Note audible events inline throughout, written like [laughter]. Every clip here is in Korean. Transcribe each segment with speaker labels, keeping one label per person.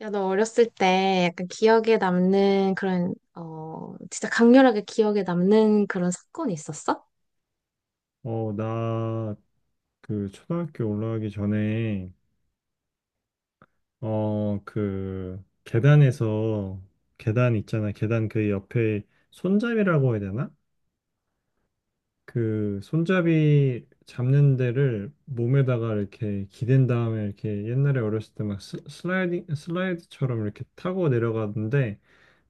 Speaker 1: 야, 너 어렸을 때 약간 기억에 남는 진짜 강렬하게 기억에 남는 그런 사건이 있었어?
Speaker 2: 나, 그, 초등학교 올라가기 전에, 어, 그, 계단에서, 계단 있잖아. 계단 그 옆에 손잡이라고 해야 되나? 그, 손잡이 잡는 데를 몸에다가 이렇게 기댄 다음에 이렇게 옛날에 어렸을 때 막 슬라이딩, 슬라이드처럼 이렇게 타고 내려가는데,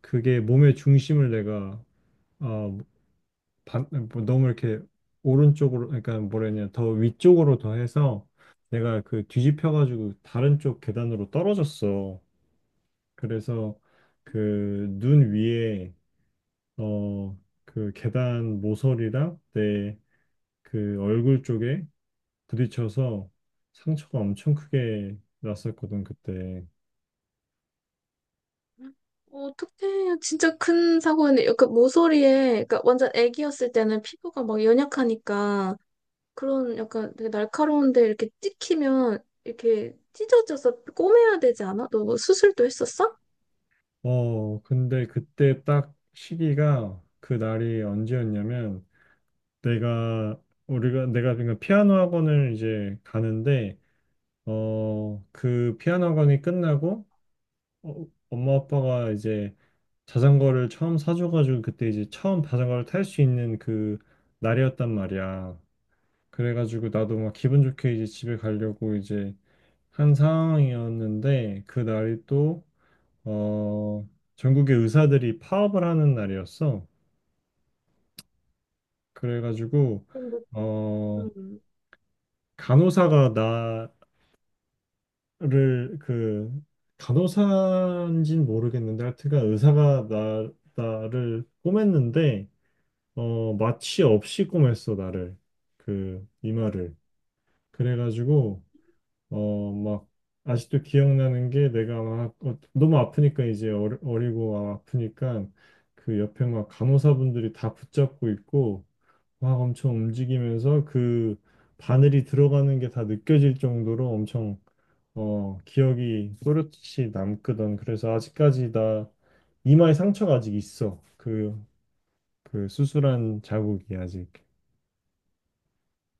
Speaker 2: 그게 몸의 중심을 내가, 어, 반- 뭐 너무 이렇게 오른쪽으로 그러니까 뭐라 해야 되냐 더 위쪽으로 더 해서 내가 그 뒤집혀가지고 다른 쪽 계단으로 떨어졌어. 그래서 그 눈 위에 어 그 계단 모서리랑 내 그 얼굴 쪽에 부딪혀서 상처가 엄청 크게 났었거든 그때.
Speaker 1: 어, 어떡해. 진짜 큰 사고였네. 그 모서리에, 그러니까 완전 애기였을 때는 피부가 막 연약하니까 그런 약간 되게 날카로운데 이렇게 찍히면 이렇게 찢어져서 꼬매야 되지 않아? 너뭐 수술도 했었어?
Speaker 2: 근데 그때 딱 시기가 그 날이 언제였냐면 내가 우리가 내가 그러니까 피아노 학원을 이제 가는데 그 피아노 학원이 끝나고 어, 엄마 아빠가 이제 자전거를 처음 사줘가지고 그때 이제 처음 자전거를 탈 수 있는 그 날이었단 말이야. 그래가지고 나도 막 기분 좋게 이제 집에 가려고 이제 한 상황이었는데 그 날이 또 어 전국의 의사들이 파업을 하는 날이었어. 그래가지고
Speaker 1: 근데,
Speaker 2: 어
Speaker 1: 음,
Speaker 2: 간호사가 나 를 그 간호사인지는 모르겠는데 하여튼간 의사가 나 나를 꼬맸는데 어 마취 없이 꼬맸어 나를 그 이마를 그래가지고 어 막 아직도 기억나는 게 내가 막 어, 너무 아프니까 이제 어리고 막 아프니까 그 옆에 막 간호사분들이 다 붙잡고 있고 막 엄청 움직이면서 그 바늘이 들어가는 게 다 느껴질 정도로 엄청 어, 기억이 또렷이 남거든. 그래서 아직까지 나 이마에 상처가 아직 있어. 그, 그 수술한 자국이 아직.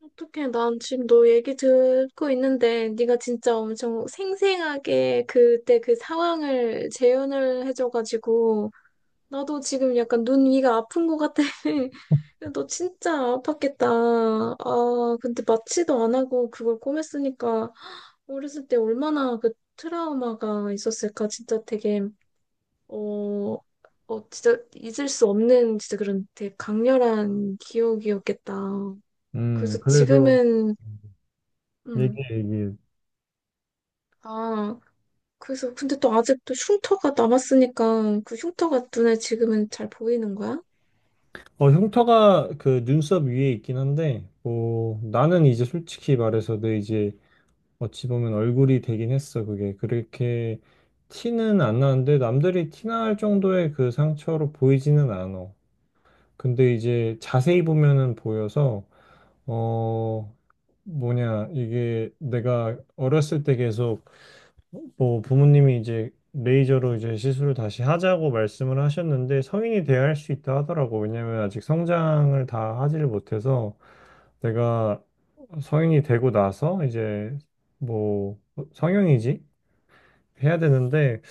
Speaker 1: 어떡해. 난 지금 너 얘기 듣고 있는데 네가 진짜 엄청 생생하게 그때 그 상황을 재현을 해줘가지고 나도 지금 약간 눈 위가 아픈 것 같아. [laughs] 너 진짜 아팠겠다. 아, 근데 마취도 안 하고 그걸 꿰맸으니까 어렸을 때 얼마나 그 트라우마가 있었을까. 진짜 되게, 어, 어, 진짜 잊을 수 없는 진짜 그런 되게 강렬한 기억이었겠다. 그래서
Speaker 2: 그래서
Speaker 1: 지금은, 음,
Speaker 2: 얘기해, 얘기해.
Speaker 1: 아, 그래서 근데 또 아직도 흉터가 남았으니까 그 흉터가 눈에 지금은 잘 보이는 거야?
Speaker 2: 어, 흉터가 그 눈썹 위에 있긴 한데, 뭐, 나는 이제 솔직히 말해서 내 이제 어찌 보면 얼굴이 되긴 했어. 그게 그렇게 티는 안 나는데 남들이 티날 정도의 그 상처로 보이지는 않아. 근데 이제 자세히 보면은 보여서 어, 뭐냐, 이게 내가 어렸을 때 계속 뭐 부모님이 이제 레이저로 이제 시술을 다시 하자고 말씀을 하셨는데 성인이 돼야 할 수 있다 하더라고. 왜냐면 아직 성장을 다 하지를 못해서 내가 성인이 되고 나서 이제 뭐 성형이지? 해야 되는데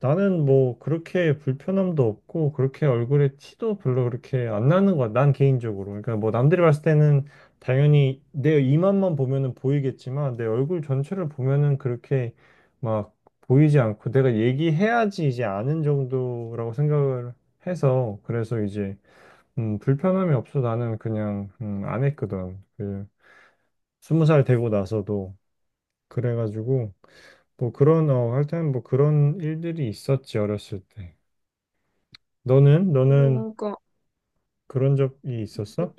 Speaker 2: 나는 뭐 그렇게 불편함도 없고 그렇게 얼굴에 티도 별로 그렇게 안 나는 거야. 난 개인적으로. 그러니까 뭐 남들이 봤을 때는 당연히 내 이만만 보면은 보이겠지만 내 얼굴 전체를 보면은 그렇게 막 보이지 않고 내가 얘기해야지 이제 아는 정도라고 생각을 해서 그래서 이제 불편함이 없어 나는 그냥 안 했거든. 그 스무 살 되고 나서도 그래가지고 뭐 그런 어 하여튼 뭐 그런 일들이 있었지 어렸을 때. 너는
Speaker 1: 어, 그러니까
Speaker 2: 그런 적이 있었어?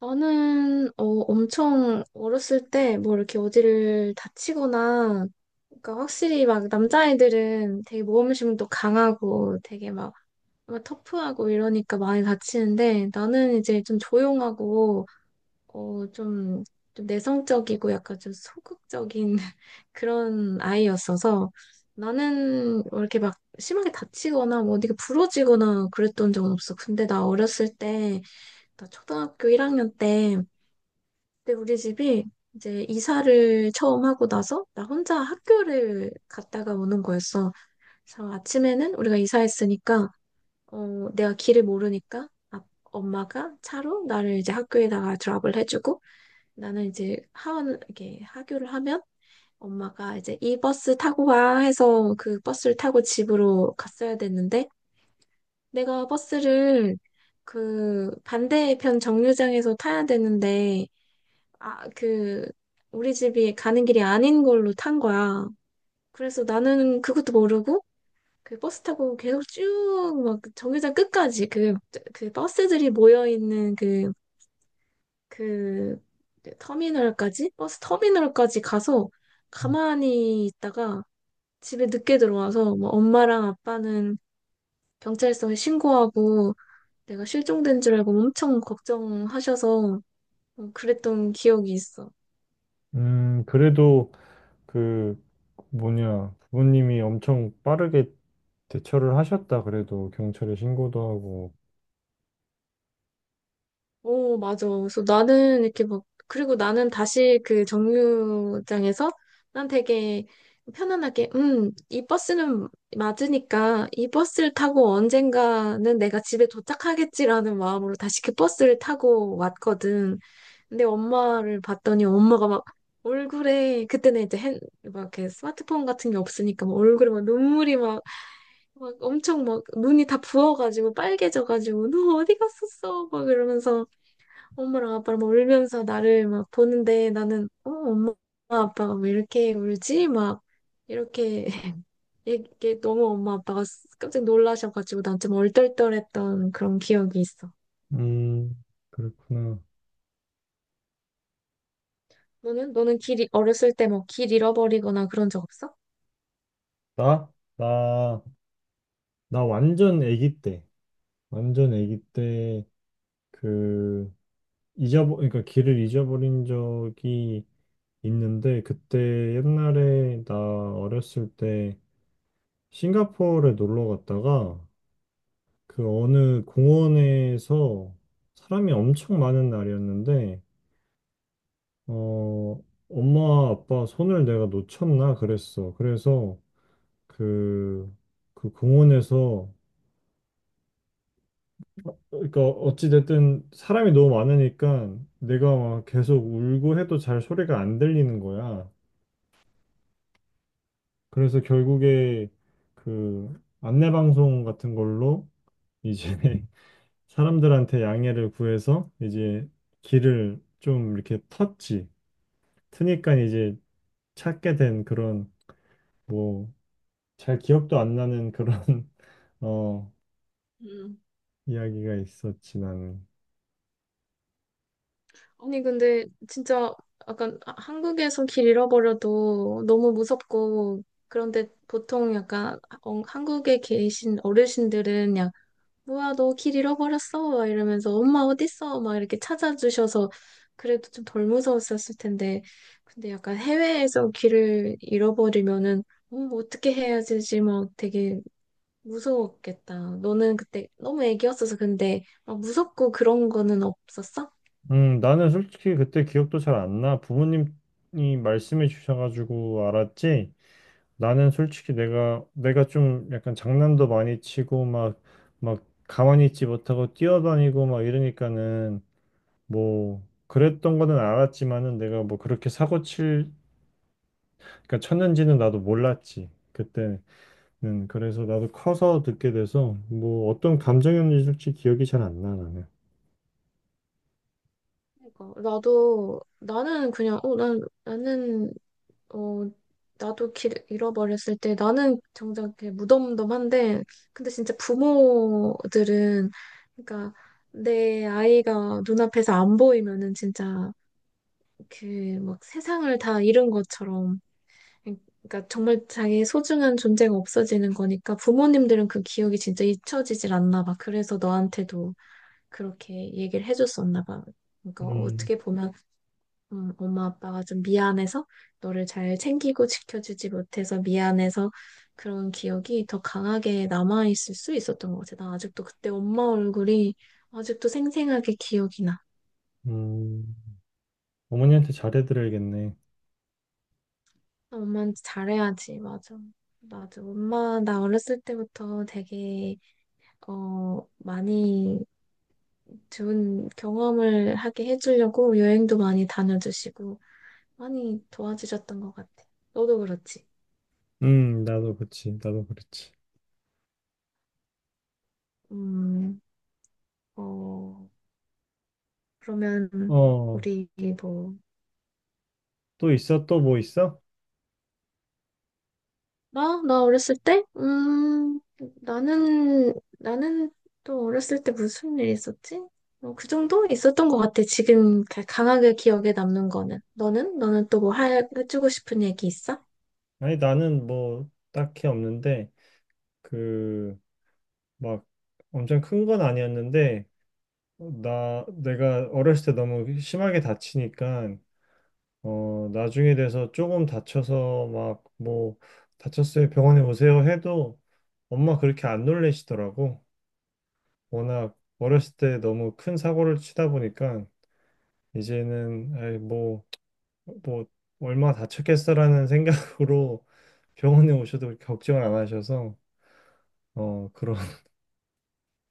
Speaker 1: 저는 엄청 어렸을 때 뭐 이렇게 어디를 다치거나 그러니까 확실히 막 남자아이들은 되게 모험심도 강하고 되게 막, 막 터프하고 이러니까 많이 다치는데 나는 이제 좀 조용하고 어, 좀, 좀 내성적이고 약간 좀 소극적인 [laughs] 그런 아이였어서 나는 뭐 이렇게 막 심하게 다치거나 뭐 어디가 부러지거나 그랬던 적은 없어. 근데 나 어렸을 때 나 초등학교 1학년 때 근데 우리 집이 이제 이사를 처음 하고 나서 나 혼자 학교를 갔다가 오는 거였어. 그래서 아침에는 우리가 이사했으니까 어, 내가 길을 모르니까 엄마가 차로 나를 이제 학교에다가 드랍을 해주고 나는 이제 하원 이렇게 하교를 하면 엄마가 이제 이 버스 타고 와 해서 그 버스를 타고 집으로 갔어야 됐는데 내가 버스를 그 반대편 정류장에서 타야 되는데 아, 그, 우리 집이 가는 길이 아닌 걸로 탄 거야. 그래서 나는 그것도 모르고, 그 버스 타고 계속 쭉, 막, 정류장 끝까지, 그, 그 버스들이 모여있는 그, 그, 터미널까지? 버스 터미널까지 가서 가만히 있다가 집에 늦게 들어와서, 뭐, 엄마랑 아빠는 경찰서에 신고하고, 내가 실종된 줄 알고 엄청 걱정하셔서, 어, 그랬던 기억이 있어.
Speaker 2: 그래도 그 뭐냐 부모님이 엄청 빠르게 대처를 하셨다. 그래도 경찰에 신고도 하고.
Speaker 1: 어, 맞아. 그래서 나는 이렇게 막, 그리고 나는 다시 그 정류장에서 난 되게 편안하게, 이 버스는 맞으니까 이 버스를 타고 언젠가는 내가 집에 도착하겠지라는 마음으로 다시 그 버스를 타고 왔거든. 근데 엄마를 봤더니 엄마가 막 얼굴에, 그때는 막 이렇게 스마트폰 같은 게 없으니까 막 얼굴에 막 눈물이 막, 막 엄청 막 눈이 다 부어가지고 빨개져가지고 너 어디 갔었어? 막 이러면서 엄마랑 아빠랑 막 울면서 나를 막 보는데 나는 어 엄마 아빠가 왜 이렇게 울지? 막 이렇게 [laughs] 이게 너무 엄마 아빠가 깜짝 놀라셔가지고 난 좀 얼떨떨했던 그런 기억이 있어.
Speaker 2: 음, 그렇구나.
Speaker 1: 너는? 너는 어렸을 때 뭐 길 잃어버리거나 그런 적 없어?
Speaker 2: 나? 나, 나 완전 아기 때, 완전 아기 때 그 잊어버, 그러니까 길을 잊어버린 적이 있는데 그때 옛날에 나 어렸을 때 싱가포르에 놀러 갔다가 그 어느 공원에서 사람이 엄청 많은 날이었는데, 어, 엄마, 아빠 손을 내가 놓쳤나 그랬어. 그래서 그, 그 공원에서, 그러니까 어찌됐든 사람이 너무 많으니까 내가 막 계속 울고 해도 잘 소리가 안 들리는 거야. 그래서 결국에 그 안내방송 같은 걸로 이제 [laughs] 사람들한테 양해를 구해서 이제 길을 좀 이렇게 텄지. 트니까 이제 찾게 된 그런 뭐 잘 기억도 안 나는 그런 [laughs] 어
Speaker 1: 음.
Speaker 2: 이야기가 있었지 나는.
Speaker 1: 아니, 근데 진짜 약간 한국에서 길 잃어버려도 너무 무섭고, 그런데 보통 약간 어, 한국에 계신 어르신들은 뭐야, 너 길 잃어버렸어? 막 이러면서, 엄마 어딨어? 막 이렇게 찾아주셔서, 그래도 좀 덜 무서웠었을 텐데, 근데 약간 해외에서 길을 잃어버리면은, 어떻게 해야 되지? 막 되게 무서웠겠다. 너는 그때 너무 애기였어서 근데, 막 무섭고 그런 거는 없었어?
Speaker 2: 나는 솔직히 그때 기억도 잘 안 나. 부모님이 말씀해 주셔가지고 알았지. 나는 솔직히 내가 좀 약간 장난도 많이 치고 막 가만히 있지 못하고 뛰어다니고 막 이러니까는 뭐 그랬던 거는 알았지만은 내가 뭐 그렇게 사고 칠 그러니까 쳤는지는 나도 몰랐지. 그때 그래서 나도 커서 듣게 돼서 뭐 어떤 감정이었는지 기억이 잘 안 나, 나는.
Speaker 1: 그러니까, 나도, 나는 그냥, 어, 난, 나는 어, 나도 길 잃어버렸을 때 나는 정작 이렇게 무덤덤한데, 근데 진짜 부모들은, 그러니까 내 아이가 눈앞에서 안 보이면은 진짜 그 막 세상을 다 잃은 것처럼, 그러니까 정말 자기의 소중한 존재가 없어지는 거니까 부모님들은 그 기억이 진짜 잊혀지질 않나 봐. 그래서 너한테도 그렇게 얘기를 해줬었나 봐. 그러니까
Speaker 2: 음,
Speaker 1: 어떻게 보면 엄마 아빠가 좀 미안해서 너를 잘 챙기고 지켜주지 못해서 미안해서 그런 기억이 더 강하게 남아있을 수 있었던 것 같아. 나 아직도 그때 엄마 얼굴이 아직도 생생하게 기억이 나.
Speaker 2: 음, 어머니한테 잘해드려야겠네.
Speaker 1: 나 엄마한테 잘해야지. 맞아. 맞아. 엄마, 나 어렸을 때부터 되게, 어, 많이 좋은 경험을 하게 해주려고 여행도 많이 다녀주시고 많이 도와주셨던 것 같아. 너도 그렇지.
Speaker 2: 나도 그렇지.
Speaker 1: 음, 어. 그러면
Speaker 2: 어,
Speaker 1: 우리 뭐
Speaker 2: 또 있어? 또 뭐 있어?
Speaker 1: 나? 나 어렸을 때? 나는 또 어렸을 때 무슨 일 있었지? 어, 그 정도 있었던 것 같아. 지금 강하게 기억에 남는 거는. 너는? 너는 또 뭐 해주고 싶은 얘기 있어?
Speaker 2: 아니, 나는 뭐 딱히 없는데, 그, 막 엄청 큰 건 아니었는데, 어, 나, 내가 어렸을 때 너무 심하게 다치니까 어, 나중에 돼서 조금 다쳐서 막 뭐 다쳤어요 병원에 오세요 해도 엄마 그렇게 안 놀래시더라고. 워낙 어렸을 때 너무 큰 사고를 치다 보니까 이제는 이 뭐, 뭐 얼마 다쳤겠어라는 [laughs] 생각으로 병원에 오셔도 걱정을 안 하셔서 어, 그런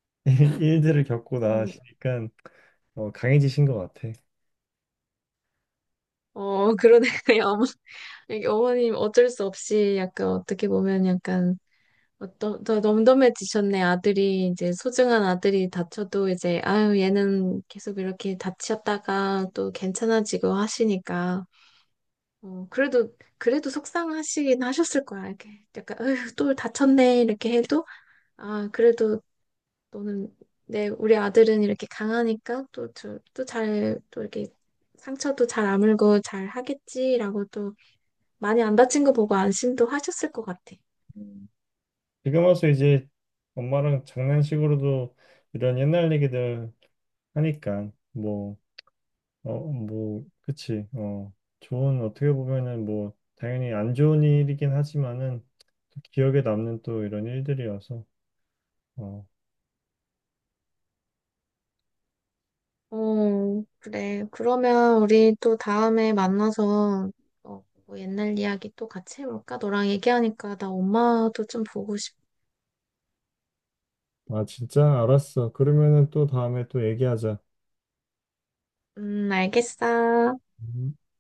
Speaker 2: [laughs] 일들을 겪고
Speaker 1: 어,
Speaker 2: 나시니까 어, 강해지신 것 같아.
Speaker 1: 어, 그러네. [laughs] 어머, 여기 어머님 어쩔 수 없이 약간 어떻게 보면 약간 어, 너 덤덤해지셨네. 아들이, 이제 소중한 아들이 다쳐도 이제, 아유, 얘는 계속 이렇게 다치셨다가 또 괜찮아지고 하시니까. 어, 그래도, 그래도 속상하시긴 하셨을 거야. 이렇게 약간, 아유, 또 다쳤네. 이렇게 해도, 아, 그래도 너는, 내, 우리 아들은 이렇게 강하니까 또, 저, 또 잘, 또 이렇게 상처도 잘 아물고 잘 하겠지라고 또 많이 안 다친 거 보고 안심도 하셨을 것 같아.
Speaker 2: 음. 지금 와서 이제 엄마랑 장난식으로도 이런 옛날 얘기들 하니까 뭐, 어, 뭐, 그치. 어, 좋은 어떻게 보면은 뭐 당연히 안 좋은 일이긴 하지만은 기억에 남는 또 이런 일들이어서. 어,
Speaker 1: 어, 그래. 그러면 우리 또 다음에 만나서 어, 뭐 옛날 이야기 또 같이 해볼까? 너랑 얘기하니까 나 엄마도 좀 보고 싶.
Speaker 2: 아 진짜 알았어. 그러면은 또 다음에 또 얘기하자.
Speaker 1: 알겠어.
Speaker 2: 음.